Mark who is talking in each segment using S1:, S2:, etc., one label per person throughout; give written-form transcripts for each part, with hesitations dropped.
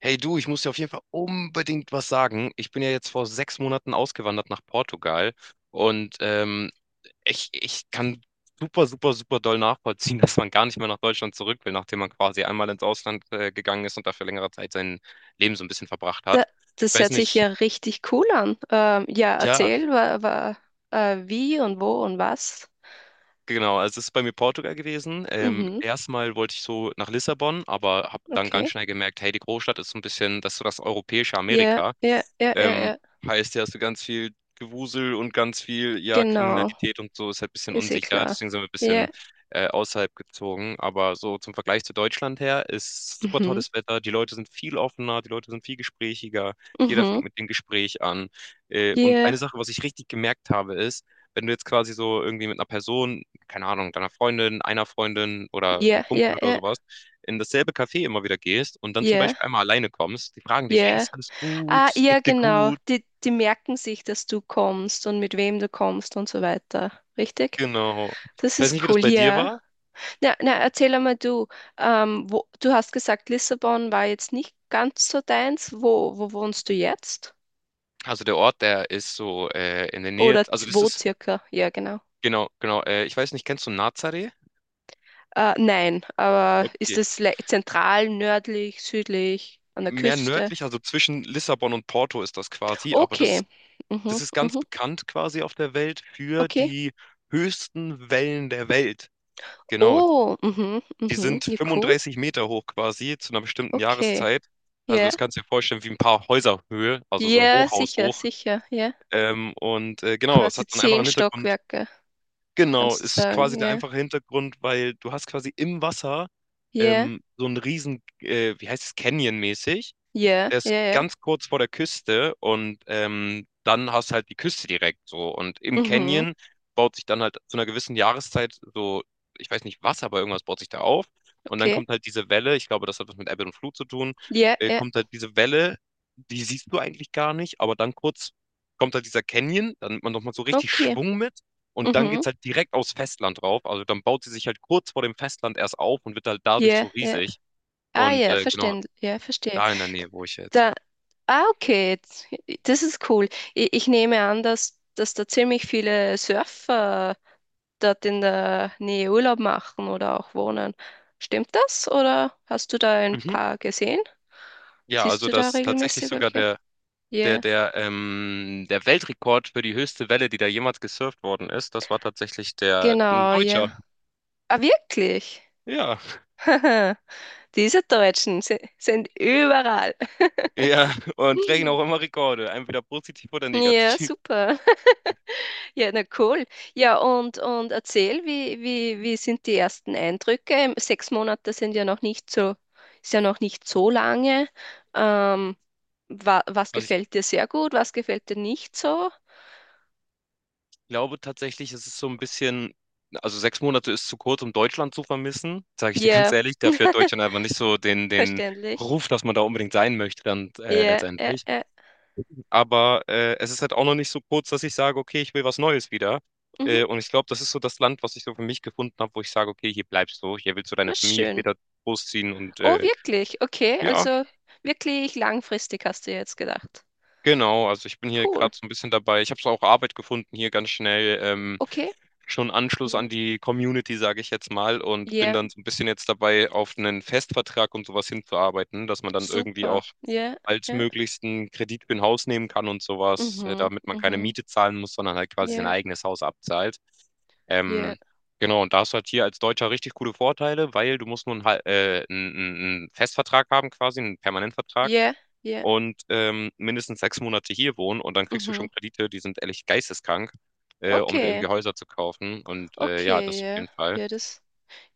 S1: Hey du, ich muss dir auf jeden Fall unbedingt was sagen. Ich bin ja jetzt vor 6 Monaten ausgewandert nach Portugal und ich kann super, super, super doll nachvollziehen, dass man gar nicht mehr nach Deutschland zurück will, nachdem man quasi einmal ins Ausland gegangen ist und da für längere Zeit sein Leben so ein bisschen verbracht
S2: Da,
S1: hat.
S2: das
S1: Ich weiß
S2: hört sich ja
S1: nicht,
S2: richtig cool an. Ja,
S1: ja,
S2: erzähl, wie und wo und was.
S1: genau, also es ist bei mir Portugal gewesen.
S2: Mhm,
S1: Erstmal wollte ich so nach Lissabon, aber habe dann ganz
S2: okay.
S1: schnell gemerkt, hey, die Großstadt ist so ein bisschen, das ist so das europäische
S2: Ja,
S1: Amerika.
S2: ja, ja, ja,
S1: Ähm,
S2: ja.
S1: heißt ja, hast du ganz viel Gewusel und ganz viel, ja,
S2: Genau,
S1: Kriminalität und so, ist halt ein bisschen
S2: ist eh
S1: unsicher.
S2: klar.
S1: Deswegen sind wir ein
S2: Ja,
S1: bisschen außerhalb gezogen. Aber so zum Vergleich zu Deutschland her ist super
S2: mhm,
S1: tolles Wetter. Die Leute sind viel offener, die Leute sind viel gesprächiger. Jeder
S2: mhm.
S1: fängt mit dem Gespräch an. Und
S2: Ja,
S1: eine Sache, was ich richtig gemerkt habe, ist, wenn du jetzt quasi so irgendwie mit einer Person keine Ahnung, deiner Freundin, einer Freundin oder einem
S2: ja,
S1: Kumpel
S2: ja,
S1: oder
S2: ja,
S1: sowas, in dasselbe Café immer wieder gehst und dann zum
S2: ja,
S1: Beispiel einmal alleine kommst, die fragen dich, hey,
S2: ja.
S1: ist alles gut,
S2: Ah,
S1: es
S2: ja,
S1: geht dir
S2: genau.
S1: gut,
S2: Die merken sich, dass du kommst und mit wem du kommst und so weiter. Richtig?
S1: genau.
S2: Das
S1: Ich weiß nicht, wie
S2: ist
S1: das
S2: cool,
S1: bei dir
S2: ja.
S1: war.
S2: Na, na, erzähl einmal du, wo, du hast gesagt, Lissabon war jetzt nicht ganz so deins. Wo wohnst du jetzt?
S1: Also der Ort, der ist so in der Nähe,
S2: Oder
S1: also
S2: z-
S1: das
S2: wo
S1: ist,
S2: circa? Ja, genau.
S1: genau, genau, ich weiß nicht, kennst du Nazaré?
S2: Nein, aber ist
S1: Okay.
S2: es le- zentral, nördlich, südlich, an der
S1: Mehr
S2: Küste?
S1: nördlich, also zwischen Lissabon und Porto ist das quasi, aber das,
S2: Okay.
S1: das
S2: Mhm,
S1: ist ganz
S2: mhm,
S1: bekannt quasi auf der Welt für
S2: okay.
S1: die höchsten Wellen der Welt. Genau,
S2: Oh, mhm,
S1: die
S2: mhm.
S1: sind
S2: Ja, cool.
S1: 35 Meter hoch quasi zu einer bestimmten
S2: Okay.
S1: Jahreszeit. Also
S2: Ja.
S1: das kannst du dir vorstellen wie ein paar Häuserhöhe, also so ein
S2: Ja,
S1: Hochhaus
S2: sicher,
S1: hoch.
S2: sicher. Ja.
S1: Genau, es
S2: Quasi
S1: hat einen
S2: zehn
S1: einfachen Hintergrund.
S2: Stockwerke,
S1: Genau,
S2: kannst du
S1: ist
S2: sagen.
S1: quasi der
S2: Ja.
S1: einfache Hintergrund, weil du hast quasi im Wasser
S2: Ja,
S1: so einen riesen, wie heißt es, Canyon-mäßig,
S2: ja,
S1: der
S2: ja,
S1: ist
S2: ja.
S1: ganz kurz vor der Küste, und dann hast halt die Küste direkt so. Und im
S2: Mhm,
S1: Canyon baut sich dann halt zu einer gewissen Jahreszeit so, ich weiß nicht was, aber irgendwas baut sich da auf. Und dann
S2: okay.
S1: kommt halt diese Welle, ich glaube, das hat was mit Ebbe und Flut zu tun,
S2: Ja, ja,
S1: kommt halt diese Welle, die siehst du eigentlich gar nicht, aber dann kurz kommt halt dieser Canyon, dann nimmt man nochmal so richtig
S2: okay.
S1: Schwung mit und dann
S2: Mhm.
S1: geht's halt direkt aufs Festland drauf. Also dann baut sie sich halt kurz vor dem Festland erst auf und wird halt dadurch so
S2: Ja, ja.
S1: riesig.
S2: Ah
S1: Und
S2: ja,
S1: genau,
S2: verstehen, ja, verstehe.
S1: da in der Nähe, wo ich jetzt.
S2: Da, ah, okay, jetzt- das ist cool. Ich nehme an, dass da ziemlich viele Surfer dort in der Nähe Urlaub machen oder auch wohnen. Stimmt das? Oder hast du da ein
S1: Mhm.
S2: paar gesehen?
S1: Ja,
S2: Siehst
S1: also
S2: du da
S1: das tatsächlich
S2: regelmäßig
S1: sogar
S2: welche?
S1: der, der,
S2: Ja,
S1: der, ähm, der Weltrekord für die höchste Welle, die da jemals gesurft worden ist, das war tatsächlich der ein
S2: genau,
S1: Deutscher.
S2: ja. Ah, wirklich?
S1: Ja,
S2: Diese Deutschen si- sind überall.
S1: ja, und brechen auch immer Rekorde, entweder positiv oder
S2: Ja,
S1: negativ.
S2: super. Ja, na cool. Ja, und erzähl, wie sind die ersten Eindrücke? 6 Monate sind ja noch nicht so, ist ja noch nicht so lange. Ähm, Wa was
S1: Also ich
S2: gefällt dir sehr gut? Was gefällt dir nicht so?
S1: glaube tatsächlich, es ist so ein bisschen, also 6 Monate ist zu kurz, um Deutschland zu vermissen, sage ich dir ganz
S2: Ja,
S1: ehrlich, dafür hat Deutschland einfach nicht so den, den
S2: verständlich.
S1: Ruf, dass man da unbedingt sein möchte, dann
S2: Ja, ja.
S1: letztendlich. Aber es ist halt auch noch nicht so kurz, dass ich sage, okay, ich will was Neues wieder.
S2: Mhm,
S1: Und ich glaube, das ist so das Land, was ich so für mich gefunden habe, wo ich sage, okay, hier bleibst du, hier willst du deine
S2: na
S1: Familie
S2: schön.
S1: später großziehen und
S2: Oh, wirklich? Okay,
S1: ja,
S2: also wirklich langfristig hast du ja jetzt gedacht.
S1: genau, also ich bin hier
S2: Cool.
S1: gerade so ein bisschen dabei. Ich habe so auch Arbeit gefunden hier ganz schnell. Ähm,
S2: Okay.
S1: schon Anschluss an
S2: Mhm.
S1: die Community, sage ich jetzt mal, und bin
S2: Ja,
S1: dann so ein bisschen jetzt dabei, auf einen Festvertrag und sowas hinzuarbeiten, dass man dann irgendwie
S2: super.
S1: auch
S2: Ja, ja.
S1: altmöglichst einen Kredit für ein Haus nehmen kann und sowas,
S2: Mhm,
S1: damit man keine
S2: mhm.
S1: Miete zahlen muss, sondern halt quasi sein
S2: Ja.
S1: eigenes Haus abzahlt.
S2: Ja,
S1: Ähm, genau, und da hast du halt hier als Deutscher richtig coole Vorteile, weil du musst nur einen Festvertrag haben, quasi, einen Permanentvertrag,
S2: ja, ja.
S1: und mindestens 6 Monate hier wohnen und dann kriegst du schon
S2: Mhm.
S1: Kredite, die sind ehrlich geisteskrank, um dir irgendwie
S2: Okay,
S1: Häuser zu kaufen. Und ja,
S2: okay,
S1: das auf
S2: ja.
S1: jeden Fall.
S2: Ja, das,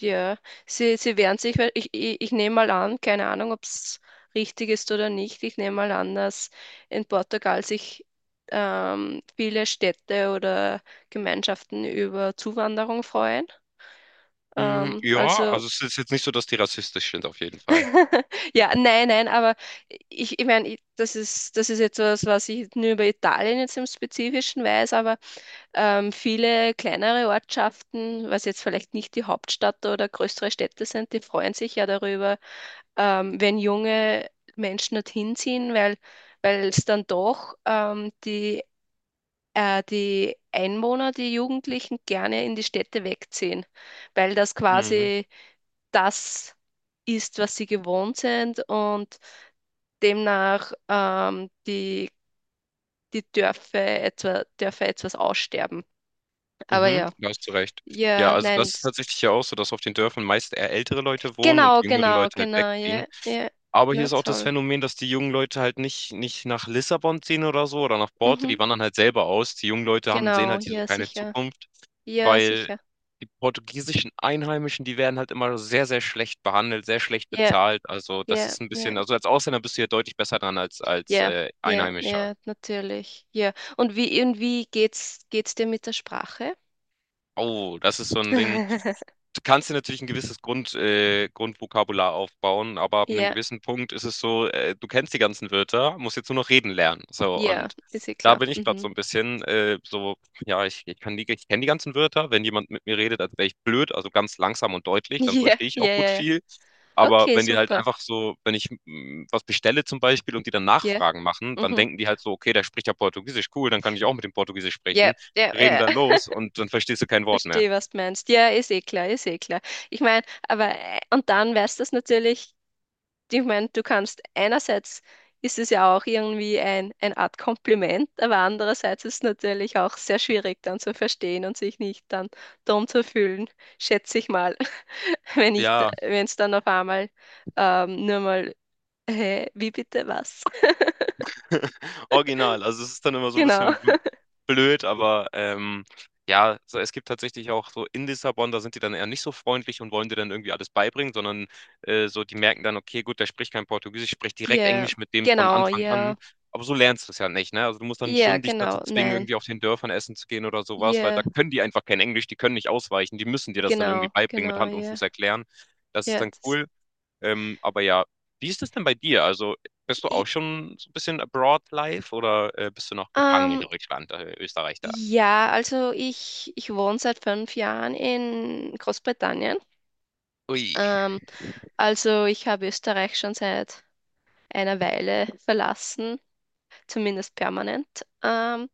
S2: ja. Sie wehren sich, weil ich nehme mal an, keine Ahnung, ob es richtig ist oder nicht. Ich nehme mal an, dass in Portugal sich viele Städte oder Gemeinschaften über Zuwanderung freuen.
S1: Mm,
S2: Ähm,
S1: ja,
S2: also,
S1: also es ist jetzt nicht so, dass die rassistisch sind, auf jeden Fall.
S2: ja, nein, aber ich meine, ich- das ist etwas, was ich nur über Italien jetzt im Spezifischen weiß, aber viele kleinere Ortschaften, was jetzt vielleicht nicht die Hauptstadt oder größere Städte sind, die freuen sich ja darüber, wenn junge Menschen dorthin ziehen, weil es dann doch die Einwohner, die Jugendlichen gerne in die Städte wegziehen, weil das
S1: Mhm,
S2: quasi das ist, was sie gewohnt sind und demnach die, Dörfer etwas aussterben. Aber
S1: mhm,
S2: ja.
S1: da hast du recht. Ja,
S2: Ja,
S1: also das
S2: nein,
S1: ist
S2: das-
S1: tatsächlich ja auch so, dass auf den Dörfern meist eher ältere Leute wohnen und
S2: genau,
S1: die jüngeren
S2: genau,
S1: Leute halt
S2: genau,
S1: wegziehen.
S2: ja, ja,
S1: Aber hier
S2: na
S1: ist auch das
S2: toll.
S1: Phänomen, dass die jungen Leute halt nicht, nicht nach Lissabon ziehen oder so oder nach Borte, die
S2: Mhm,
S1: wandern halt selber aus. Die jungen Leute haben, sehen
S2: genau,
S1: halt hier so
S2: ja,
S1: keine
S2: sicher,
S1: Zukunft,
S2: ja,
S1: weil
S2: sicher,
S1: die portugiesischen Einheimischen, die werden halt immer sehr, sehr schlecht behandelt, sehr schlecht
S2: ja,
S1: bezahlt. Also das
S2: ja,
S1: ist ein bisschen,
S2: ja,
S1: also als Ausländer bist du ja deutlich besser dran als als
S2: ja,
S1: äh,
S2: ja,
S1: Einheimischer.
S2: ja, natürlich, ja. Und wie geht's, geht's dir mit der Sprache?
S1: Oh, das ist so ein Ding. Du kannst dir natürlich ein gewisses Grundvokabular aufbauen, aber ab einem
S2: Ja,
S1: gewissen Punkt ist es so, du kennst die ganzen Wörter, musst jetzt nur noch reden lernen. So,
S2: ja,
S1: und
S2: ist ja
S1: da
S2: klar.
S1: bin ich gerade so
S2: Mhm.
S1: ein bisschen so, ja, ich kann die, ich kenne die ganzen Wörter. Wenn jemand mit mir redet, als wäre ich blöd, also ganz langsam und deutlich, dann verstehe ich auch
S2: Ja, ja,
S1: gut
S2: ja, ja.
S1: viel. Aber
S2: Okay,
S1: wenn die halt
S2: super.
S1: einfach so, wenn ich was bestelle zum Beispiel und die dann
S2: Ja,
S1: Nachfragen machen, dann
S2: mhm.
S1: denken die halt so, okay, der spricht ja Portugiesisch, cool, dann kann ich auch mit dem Portugiesisch
S2: Ja,
S1: sprechen,
S2: ja,
S1: reden
S2: ja.
S1: da los und dann verstehst du kein Wort mehr.
S2: Verstehe, was du meinst. Ja, ist eh klar, ist eh klar. Ich meine, und dann weißt du das natürlich ich meine, du kannst einerseits ist es ja auch irgendwie ein, eine Art Kompliment, aber andererseits ist es natürlich auch sehr schwierig dann zu verstehen und sich nicht dann dumm zu fühlen, schätze ich mal, wenn ich,
S1: Ja,
S2: wenn es dann auf einmal nur mal, hä, wie bitte was?
S1: original. Also es ist dann immer so ein
S2: Genau.
S1: bisschen blöd, aber ja, so, es gibt tatsächlich auch so in Lissabon, da sind die dann eher nicht so freundlich und wollen dir dann irgendwie alles beibringen, sondern so, die merken dann, okay, gut, der spricht kein Portugiesisch, ich direkt
S2: Yeah,
S1: Englisch mit dem von
S2: genau,
S1: Anfang an.
S2: yeah,
S1: Aber so lernst du es ja nicht, ne? Also du musst dann
S2: yeah,
S1: schon dich dazu
S2: genau,
S1: zwingen,
S2: nein,
S1: irgendwie auf den Dörfern essen zu gehen oder sowas, weil
S2: yeah,
S1: da können die einfach kein Englisch, die können nicht ausweichen, die müssen dir das dann irgendwie
S2: genau,
S1: beibringen, mit
S2: genau,
S1: Hand und
S2: yeah,
S1: Fuß erklären. Das ist
S2: yeah.
S1: dann
S2: Das,
S1: cool. Aber ja, wie ist es denn bei dir? Also bist du auch
S2: ich,
S1: schon so ein bisschen abroad live oder bist du noch gefangen in
S2: ähm,
S1: Deutschland, Österreich da?
S2: ja, also ich wohne seit 5 Jahren in Großbritannien.
S1: Ui.
S2: Ähm, also ich habe Österreich schon seit einer Weile verlassen, zumindest permanent. Ähm,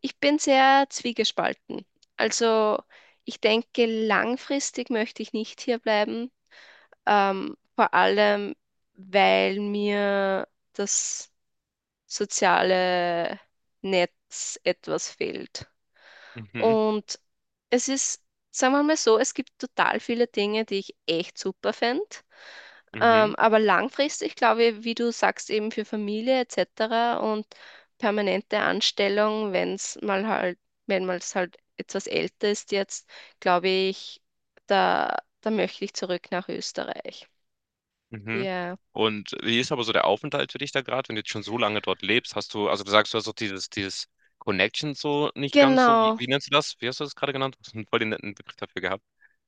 S2: Ich bin sehr zwiegespalten. Also ich denke, langfristig möchte ich nicht hier bleiben, vor allem weil mir das soziale Netz etwas fehlt.
S1: Mhm,
S2: Und es ist, sagen wir mal so, es gibt total viele Dinge, die ich echt super fände.
S1: mhm,
S2: Aber langfristig, glaube ich, wie du sagst, eben für Familie etc. und permanente Anstellung, wenn es mal halt, wenn man es halt etwas älter ist jetzt, glaube ich, da, da möchte ich zurück nach Österreich.
S1: mhm.
S2: Ja,
S1: Und wie ist aber so der Aufenthalt für dich da gerade, wenn du jetzt schon so lange dort lebst? Hast du, also du sagst, du hast doch dieses Connection so nicht ganz so, wie,
S2: genau.
S1: wie nennst du das? Wie hast du das gerade genannt? Du hast einen voll den netten Begriff dafür gehabt.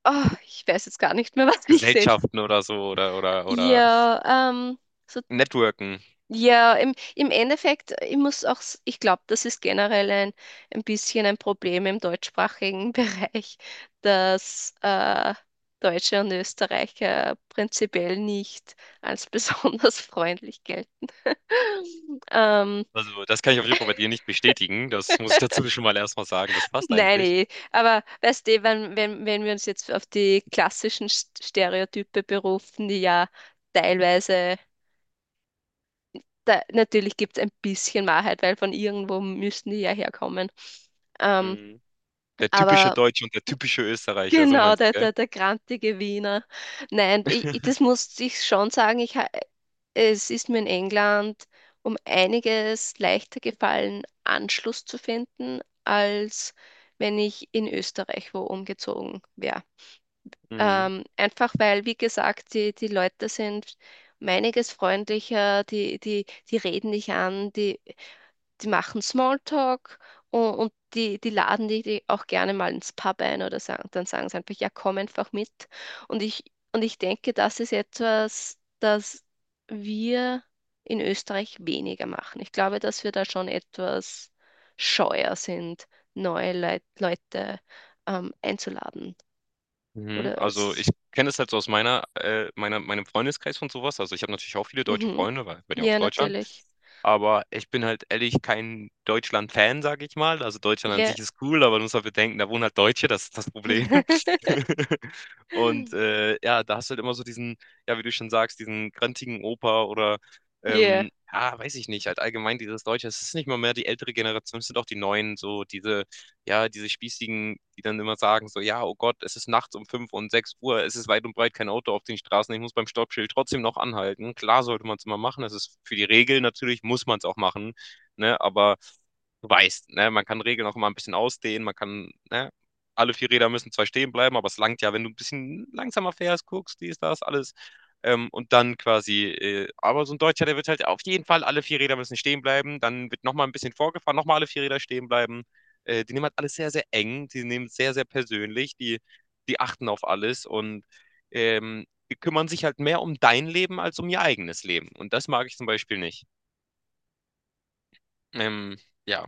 S2: Oh, ich weiß jetzt gar nicht mehr, was ich sel-
S1: Gesellschaften oder so oder
S2: Ja, ähm, so,
S1: Networken.
S2: ja, im, im Endeffekt, ich muss auch, s- ich glaube, das ist generell ein bisschen ein Problem im deutschsprachigen Bereich, dass Deutsche und Österreicher prinzipiell nicht als besonders freundlich gelten. Ähm,
S1: Also das kann ich auf jeden Fall bei dir nicht bestätigen. Das muss ich dazu schon mal erstmal sagen. Das passt
S2: nein,
S1: eigentlich.
S2: eh. Aber weißt du, wenn wir uns jetzt auf die klassischen St- Stereotype berufen, die ja teilweise. Da, natürlich gibt es ein bisschen Wahrheit, weil von irgendwo müssen die ja herkommen. Ähm,
S1: Mhm. Der typische
S2: aber
S1: Deutsche und der typische Österreicher, so
S2: genau,
S1: meinst du, gell?
S2: der grantige Wiener. Nein, ich- das muss ich schon sagen, ich, ha- es ist mir in England um einiges leichter gefallen, Anschluss zu finden, als wenn ich in Österreich wo umgezogen wäre.
S1: Mhm,
S2: Einfach weil, wie gesagt, die Leute sind um einiges freundlicher, die reden dich an, die machen Smalltalk und, und die laden die auch gerne mal ins Pub ein oder sagen, dann sagen sie einfach, ja, komm einfach mit. Und ich, und ich denke, das ist etwas, das wir in Österreich weniger machen. Ich glaube, dass wir da schon etwas scheuer sind, neue Leit Leute einzuladen.
S1: mhm.
S2: Oder es
S1: Also, ich
S2: ist-
S1: kenne es halt so aus meiner meiner meinem Freundeskreis und sowas. Also, ich habe natürlich auch viele deutsche
S2: mhm.
S1: Freunde, weil ich bin ja aus
S2: Ja,
S1: Deutschland.
S2: natürlich.
S1: Aber ich bin halt ehrlich kein Deutschland-Fan, sage ich mal. Also, Deutschland an
S2: Ja.
S1: sich ist cool, aber du musst halt bedenken, da wohnen halt Deutsche, das ist das Problem. Und, ja, da hast du halt immer so diesen, ja, wie du schon sagst, diesen grantigen Opa oder,
S2: Ja.
S1: ja, weiß ich nicht, halt allgemein dieses Deutsche. Es ist nicht mal mehr die ältere Generation, es sind auch die Neuen, so diese Spießigen, die dann immer sagen, so, ja, oh Gott, es ist nachts um 5 und 6 Uhr, es ist weit und breit kein Auto auf den Straßen, ich muss beim Stoppschild trotzdem noch anhalten. Klar sollte man es immer machen, das ist für die Regeln natürlich, muss man es auch machen, ne, aber du weißt, ne, man kann Regeln auch immer ein bisschen ausdehnen, man kann, ne, alle vier Räder müssen zwar stehen bleiben, aber es langt ja, wenn du ein bisschen langsamer fährst, guckst, dies, das, alles. Und dann quasi, aber so ein Deutscher, der wird halt auf jeden Fall alle vier Räder müssen stehen bleiben. Dann wird nochmal ein bisschen vorgefahren, nochmal alle vier Räder stehen bleiben. Die nehmen halt alles sehr, sehr eng, die nehmen es sehr, sehr persönlich, die achten auf alles und die kümmern sich halt mehr um dein Leben als um ihr eigenes Leben. Und das mag ich zum Beispiel nicht. Ähm, ja.